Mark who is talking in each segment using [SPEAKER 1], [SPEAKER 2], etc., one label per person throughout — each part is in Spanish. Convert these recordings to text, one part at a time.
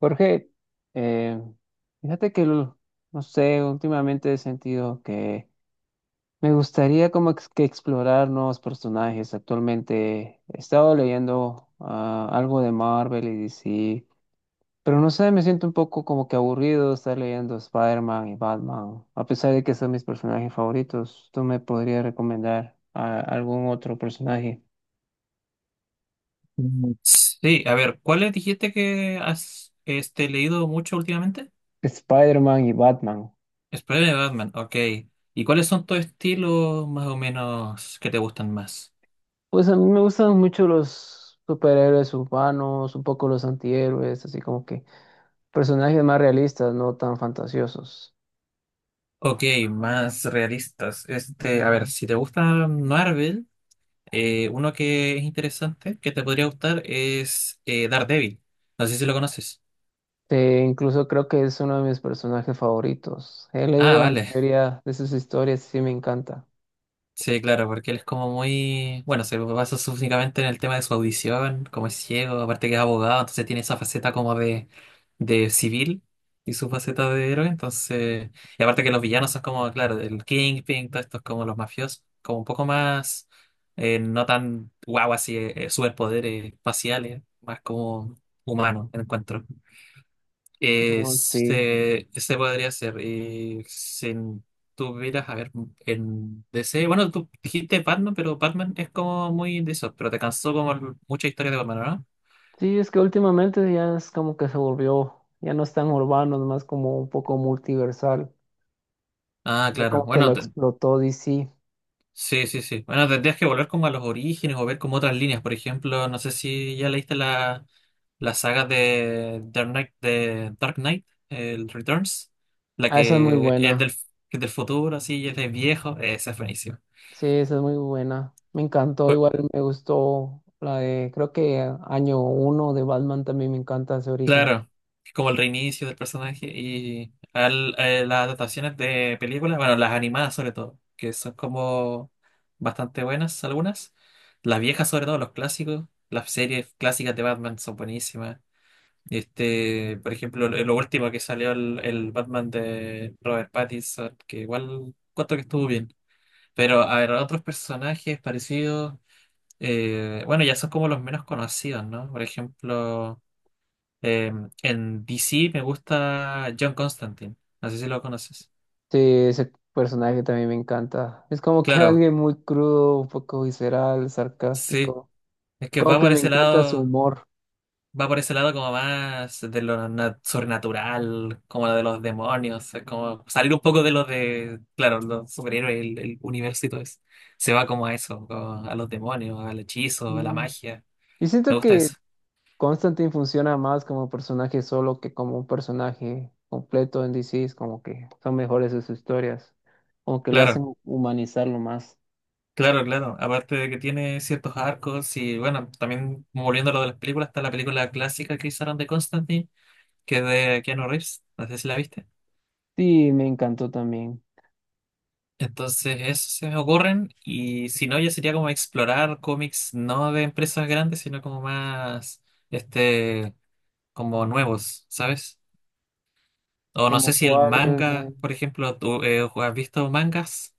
[SPEAKER 1] Jorge, eh, fíjate que, no sé, últimamente he sentido que me gustaría como ex- que explorar nuevos personajes. Actualmente he estado leyendo algo de Marvel y DC, pero no sé, me siento un poco como que aburrido de estar leyendo Spider-Man y Batman, a pesar de que son mis personajes favoritos. ¿Tú me podrías recomendar algún otro personaje?
[SPEAKER 2] Sí, a ver, ¿cuáles dijiste que has leído mucho últimamente?
[SPEAKER 1] Spider-Man y Batman.
[SPEAKER 2] Spider-Man, Batman, ok. ¿Y cuáles son tus estilos más o menos que te gustan más?
[SPEAKER 1] Pues a mí me gustan mucho los superhéroes urbanos, un poco los antihéroes, así como que personajes más realistas, no tan fantasiosos.
[SPEAKER 2] Ok, más realistas. Este, a ver, si te gusta Marvel, uno que es interesante, que te podría gustar, es Daredevil. No sé si lo conoces.
[SPEAKER 1] Incluso creo que es uno de mis personajes favoritos. He
[SPEAKER 2] Ah,
[SPEAKER 1] leído la
[SPEAKER 2] vale.
[SPEAKER 1] mayoría de sus historias y sí me encanta.
[SPEAKER 2] Sí, claro, porque él es como muy, bueno, se lo basa únicamente en el tema de su audición, como es ciego, aparte que es abogado, entonces tiene esa faceta como de civil y su faceta de héroe, entonces, y aparte que los villanos son como, claro, el Kingpin, todos estos como los mafiosos, como un poco más, no tan guau así, superpoderes espaciales, más como humano, encuentro.
[SPEAKER 1] Oh, sí.
[SPEAKER 2] Este podría ser. Y si tuvieras, a ver, en DC. Bueno, tú dijiste Batman, pero Batman es como muy de eso. Pero te cansó como mucha historia de Batman, ¿no?
[SPEAKER 1] Sí, es que últimamente ya es como que se volvió, ya no es tan urbano, es más como un poco multiversal.
[SPEAKER 2] Ah,
[SPEAKER 1] Ya
[SPEAKER 2] claro.
[SPEAKER 1] como que lo
[SPEAKER 2] Bueno,
[SPEAKER 1] explotó DC.
[SPEAKER 2] sí, sí, sí. Bueno, tendrías que volver como a los orígenes o ver como otras líneas. Por ejemplo, no sé si ya leíste la saga de Dark Knight, el Returns. La
[SPEAKER 1] Ah, esa es muy buena.
[SPEAKER 2] que es del futuro, así, y es de viejo. Esa es buenísima.
[SPEAKER 1] Sí, esa es muy buena. Me encantó, igual me gustó la de, creo que año uno de Batman también me encanta ese origen.
[SPEAKER 2] Claro, es como el reinicio del personaje y las adaptaciones de películas, bueno, las animadas sobre todo, que son como bastante buenas algunas. Las viejas sobre todo, los clásicos, las series clásicas de Batman son buenísimas. Este, por ejemplo, lo último que salió el Batman de Robert Pattinson, que igual cuento que estuvo bien. Pero a ver, otros personajes parecidos, bueno, ya son como los menos conocidos, ¿no? Por ejemplo... Eh, en DC me gusta John Constantine. No sé si lo conoces.
[SPEAKER 1] Sí, ese personaje también me encanta. Es como que
[SPEAKER 2] Claro,
[SPEAKER 1] alguien muy crudo, un poco visceral,
[SPEAKER 2] sí.
[SPEAKER 1] sarcástico.
[SPEAKER 2] Es que
[SPEAKER 1] Como
[SPEAKER 2] va
[SPEAKER 1] que
[SPEAKER 2] por
[SPEAKER 1] me
[SPEAKER 2] ese
[SPEAKER 1] encanta su
[SPEAKER 2] lado,
[SPEAKER 1] humor.
[SPEAKER 2] va por ese lado como más de lo sobrenatural, como de los demonios. Es como salir un poco de lo de, claro, los superhéroes, el universo y todo eso. Se va como a eso, como a los demonios, al hechizo, a la
[SPEAKER 1] Mm.
[SPEAKER 2] magia.
[SPEAKER 1] Y
[SPEAKER 2] Me
[SPEAKER 1] siento
[SPEAKER 2] gusta
[SPEAKER 1] que
[SPEAKER 2] eso.
[SPEAKER 1] Constantine funciona más como personaje solo que como un personaje completo en DC. Es como que son mejores sus historias. Como que lo hacen
[SPEAKER 2] Claro,
[SPEAKER 1] humanizarlo más.
[SPEAKER 2] claro, claro. Aparte de que tiene ciertos arcos y bueno, también volviendo a lo de las películas, está la película clásica que hicieron de Constantine, que es de Keanu Reeves, no sé si la viste.
[SPEAKER 1] Sí, me encantó también.
[SPEAKER 2] Entonces, eso se me ocurren y si no, ya sería como explorar cómics no de empresas grandes, sino como más, este, como nuevos, ¿sabes? O no sé
[SPEAKER 1] Como
[SPEAKER 2] si el
[SPEAKER 1] cuál
[SPEAKER 2] manga,
[SPEAKER 1] me-
[SPEAKER 2] por ejemplo, ¿tú has visto mangas?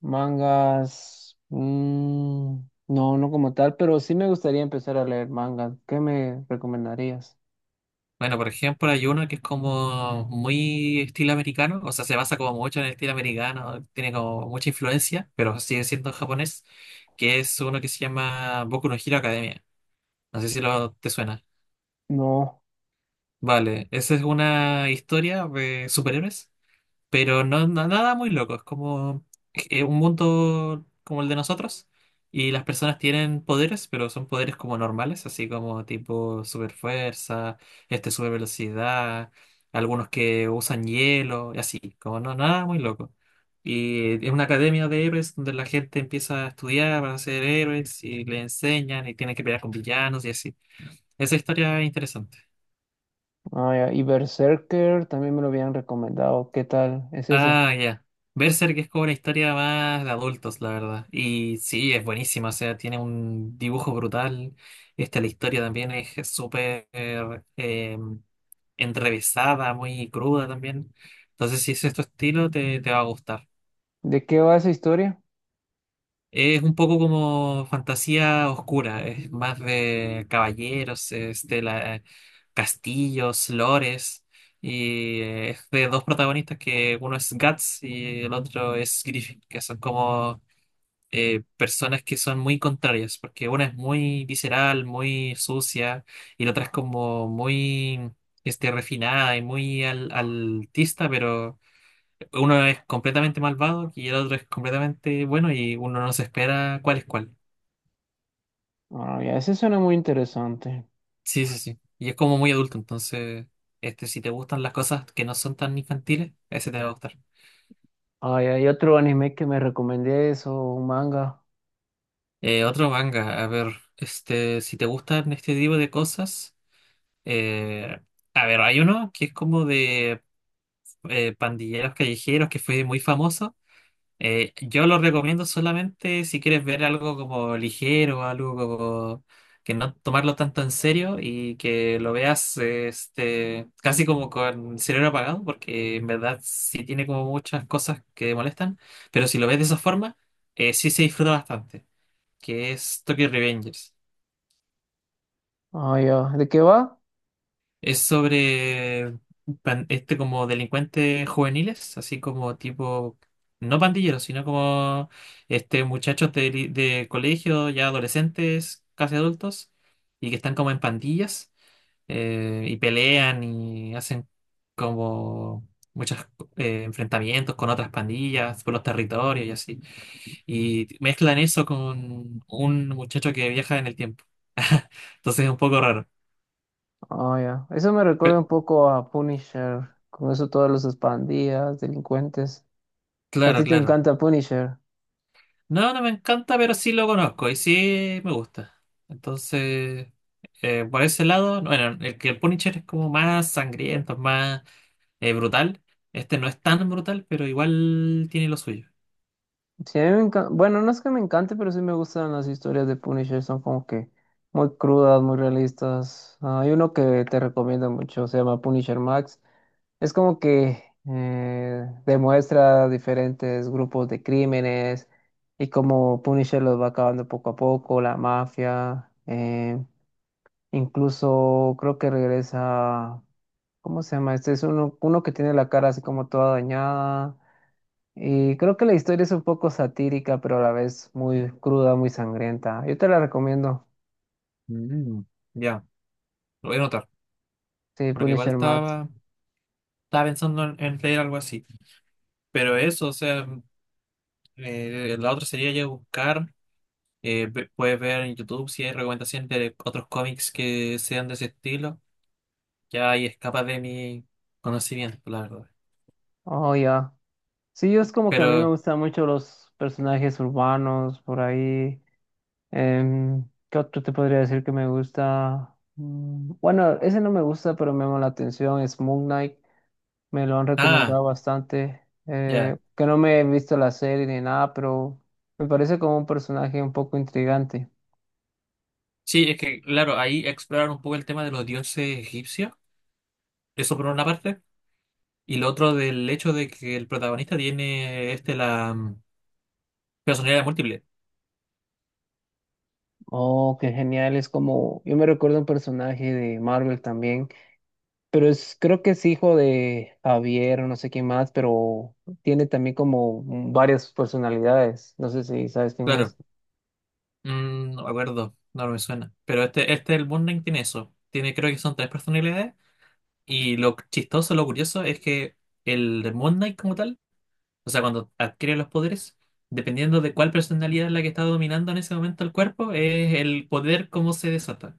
[SPEAKER 1] mangas. No, no como tal, pero sí me gustaría empezar a leer mangas. ¿Qué me recomendarías?
[SPEAKER 2] Bueno, por ejemplo, hay uno que es como muy estilo americano, o sea, se basa como mucho en el estilo americano, tiene como mucha influencia, pero sigue siendo japonés, que es uno que se llama Boku no Hero Academia. No sé si lo te suena.
[SPEAKER 1] No.
[SPEAKER 2] Vale, esa es una historia de superhéroes, pero nada muy loco, es como un mundo como el de nosotros y las personas tienen poderes, pero son poderes como normales, así como tipo super fuerza, este super velocidad, algunos que usan hielo y así, como no nada muy loco. Y es una academia de héroes donde la gente empieza a estudiar para ser héroes y le enseñan y tienen que pelear con villanos y así. Esa historia es interesante.
[SPEAKER 1] Ah, ya, y Berserker también me lo habían recomendado. ¿Qué tal es ese?
[SPEAKER 2] Ah, ya. Berserk es como una historia más de adultos, la verdad. Y sí, es buenísima, o sea, tiene un dibujo brutal. Esta, la historia también es súper enrevesada, muy cruda también. Entonces, si es tu estilo, te va a gustar.
[SPEAKER 1] ¿De qué va esa historia?
[SPEAKER 2] Es un poco como fantasía oscura, es más de caballeros, es de castillos, lores, y es de dos protagonistas que uno es Guts y el otro es Griffin, que son como personas que son muy contrarias, porque una es muy visceral, muy sucia, y la otra es como muy refinada y muy altista, uno es completamente malvado y el otro es completamente bueno y uno no se espera cuál es cuál.
[SPEAKER 1] Ah, ya, ese suena muy interesante.
[SPEAKER 2] Sí, sí, sí. Y es como muy adulto, entonces, si te gustan las cosas que no son tan infantiles, ese te va a gustar.
[SPEAKER 1] Ah, ya, y otro anime que me recomendé eso, un manga.
[SPEAKER 2] Otro manga, a ver, este, si te gustan este tipo de cosas, eh, a ver, hay uno que es como de pandilleros callejeros que fue muy famoso. Yo lo recomiendo solamente si quieres ver algo como ligero, algo como que no tomarlo tanto en serio y que lo veas casi como con el cerebro apagado, porque en verdad sí tiene como muchas cosas que molestan, pero si lo ves de esa forma, sí se disfruta bastante, que es Tokyo Revengers.
[SPEAKER 1] Ah, ya, ¿de qué va?
[SPEAKER 2] Es sobre como delincuentes juveniles, así como tipo, no pandilleros, sino como muchachos de, de colegio, ya adolescentes, casi adultos, y que están como en pandillas, y pelean y hacen como muchos enfrentamientos con otras pandillas por los territorios y así. Y mezclan eso con un muchacho que viaja en el tiempo. Entonces es un poco raro.
[SPEAKER 1] Ah, ya, eso me recuerda
[SPEAKER 2] Pe-
[SPEAKER 1] un poco a Punisher, con eso todos los pandillas, delincuentes. A
[SPEAKER 2] Claro,
[SPEAKER 1] ti te
[SPEAKER 2] claro.
[SPEAKER 1] encanta Punisher.
[SPEAKER 2] No, no me encanta, pero sí lo conozco y sí me gusta. Entonces, por ese lado, bueno, el Punisher es como más sangriento, más brutal. Este no es tan brutal, pero igual tiene lo suyo.
[SPEAKER 1] Sí, a mí me encanta. Bueno, no es que me encante, pero sí me gustan las historias de Punisher. Son como que muy crudas, muy realistas. Ah, hay uno que te recomiendo mucho, se llama Punisher Max. Es como que demuestra diferentes grupos de crímenes y cómo Punisher los va acabando poco a poco, la mafia. Incluso creo que regresa. ¿Cómo se llama? Este es uno, uno que tiene la cara así como toda dañada. Y creo que la historia es un poco satírica, pero a la vez muy cruda, muy sangrienta. Yo te la recomiendo.
[SPEAKER 2] Mm, Ya, lo voy a notar,
[SPEAKER 1] Sí,
[SPEAKER 2] porque
[SPEAKER 1] Punisher Max.
[SPEAKER 2] estaba pensando en leer algo así. Pero eso, o sea, la otra sería ya buscar, puedes ver en YouTube si hay recomendaciones de otros cómics que sean de ese estilo. Ya ahí escapa de mi conocimiento, la verdad.
[SPEAKER 1] Oh, ya. Sí, yo es como que a mí me
[SPEAKER 2] Pero,
[SPEAKER 1] gustan mucho los personajes urbanos por ahí. ¿Qué otro te podría decir que me gusta? Bueno, ese no me gusta, pero me llama la atención. Es Moon Knight. Me lo han
[SPEAKER 2] ah,
[SPEAKER 1] recomendado bastante.
[SPEAKER 2] ya.
[SPEAKER 1] Que no me he visto la serie ni nada, pero me parece como un personaje un poco intrigante.
[SPEAKER 2] Sí, es que, claro, ahí explorar un poco el tema de los dioses egipcios, eso por una parte, y lo otro del hecho de que el protagonista tiene personalidad múltiple.
[SPEAKER 1] Oh, qué genial, es como, yo me recuerdo un personaje de Marvel también, pero es, creo que es hijo de Javier o no sé quién más, pero tiene también como varias personalidades, no sé si sabes quién
[SPEAKER 2] Claro,
[SPEAKER 1] es.
[SPEAKER 2] No me acuerdo, no me suena. Pero este el Moon Knight tiene eso. Tiene, creo que son tres personalidades, y lo chistoso, lo curioso es que el Moon Knight como tal, o sea, cuando adquiere los poderes, dependiendo de cuál personalidad es la que está dominando en ese momento el cuerpo, es el poder cómo se desata.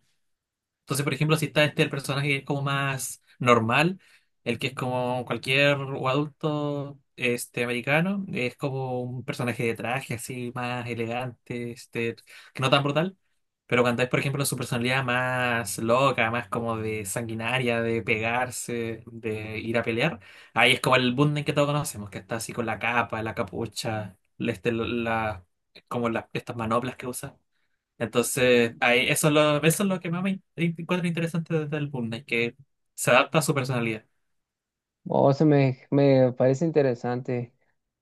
[SPEAKER 2] Entonces, por ejemplo, si está el personaje que es como más normal, el que es como cualquier o adulto este americano, es como un personaje de traje así más elegante, que no tan brutal. Pero cuando es, por ejemplo, su personalidad más loca, más como de sanguinaria, de pegarse, de ir a pelear, ahí es como el Bunden que todos conocemos, que está así con la capa, la capucha, como las estas manoplas que usa. Entonces, ahí, eso, eso es lo que más me encuentro interesante desde el Boom Knight, que se adapta a su personalidad.
[SPEAKER 1] Oh, eso me, me parece interesante.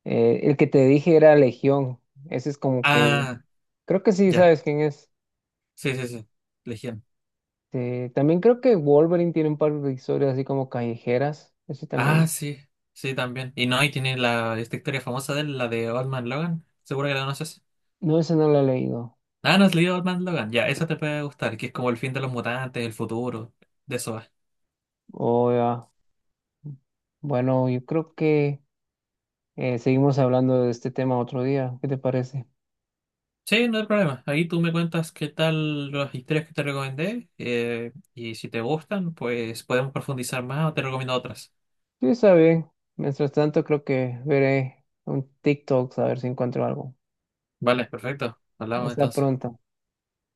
[SPEAKER 1] El que te dije era Legión, ese es como que, un-
[SPEAKER 2] Ah,
[SPEAKER 1] creo que sí
[SPEAKER 2] ya.
[SPEAKER 1] sabes quién es.
[SPEAKER 2] Sí, sí, sí. Legión.
[SPEAKER 1] También creo que Wolverine tiene un par de historias así como callejeras, ese
[SPEAKER 2] Ah,
[SPEAKER 1] también.
[SPEAKER 2] sí. Sí, también. Y no, y tiene esta historia famosa de él, la de Old Man Logan. Seguro que la conoces.
[SPEAKER 1] No, ese no lo he leído.
[SPEAKER 2] Ah, no, has leído Old Man Logan. Ya, eso te puede gustar, que es como el fin de los mutantes, el futuro. De eso va.
[SPEAKER 1] Oh, ya. Bueno, yo creo que... Seguimos hablando de este tema otro día. ¿Qué te parece?
[SPEAKER 2] Sí, no hay problema. Ahí tú me cuentas qué tal las historias que te recomendé. Eh, y si te gustan, pues podemos profundizar más o te recomiendo otras.
[SPEAKER 1] Sí, está bien. Mientras tanto, creo que veré un TikTok a ver si encuentro algo.
[SPEAKER 2] Vale, perfecto. Hablamos
[SPEAKER 1] Hasta
[SPEAKER 2] entonces.
[SPEAKER 1] pronto.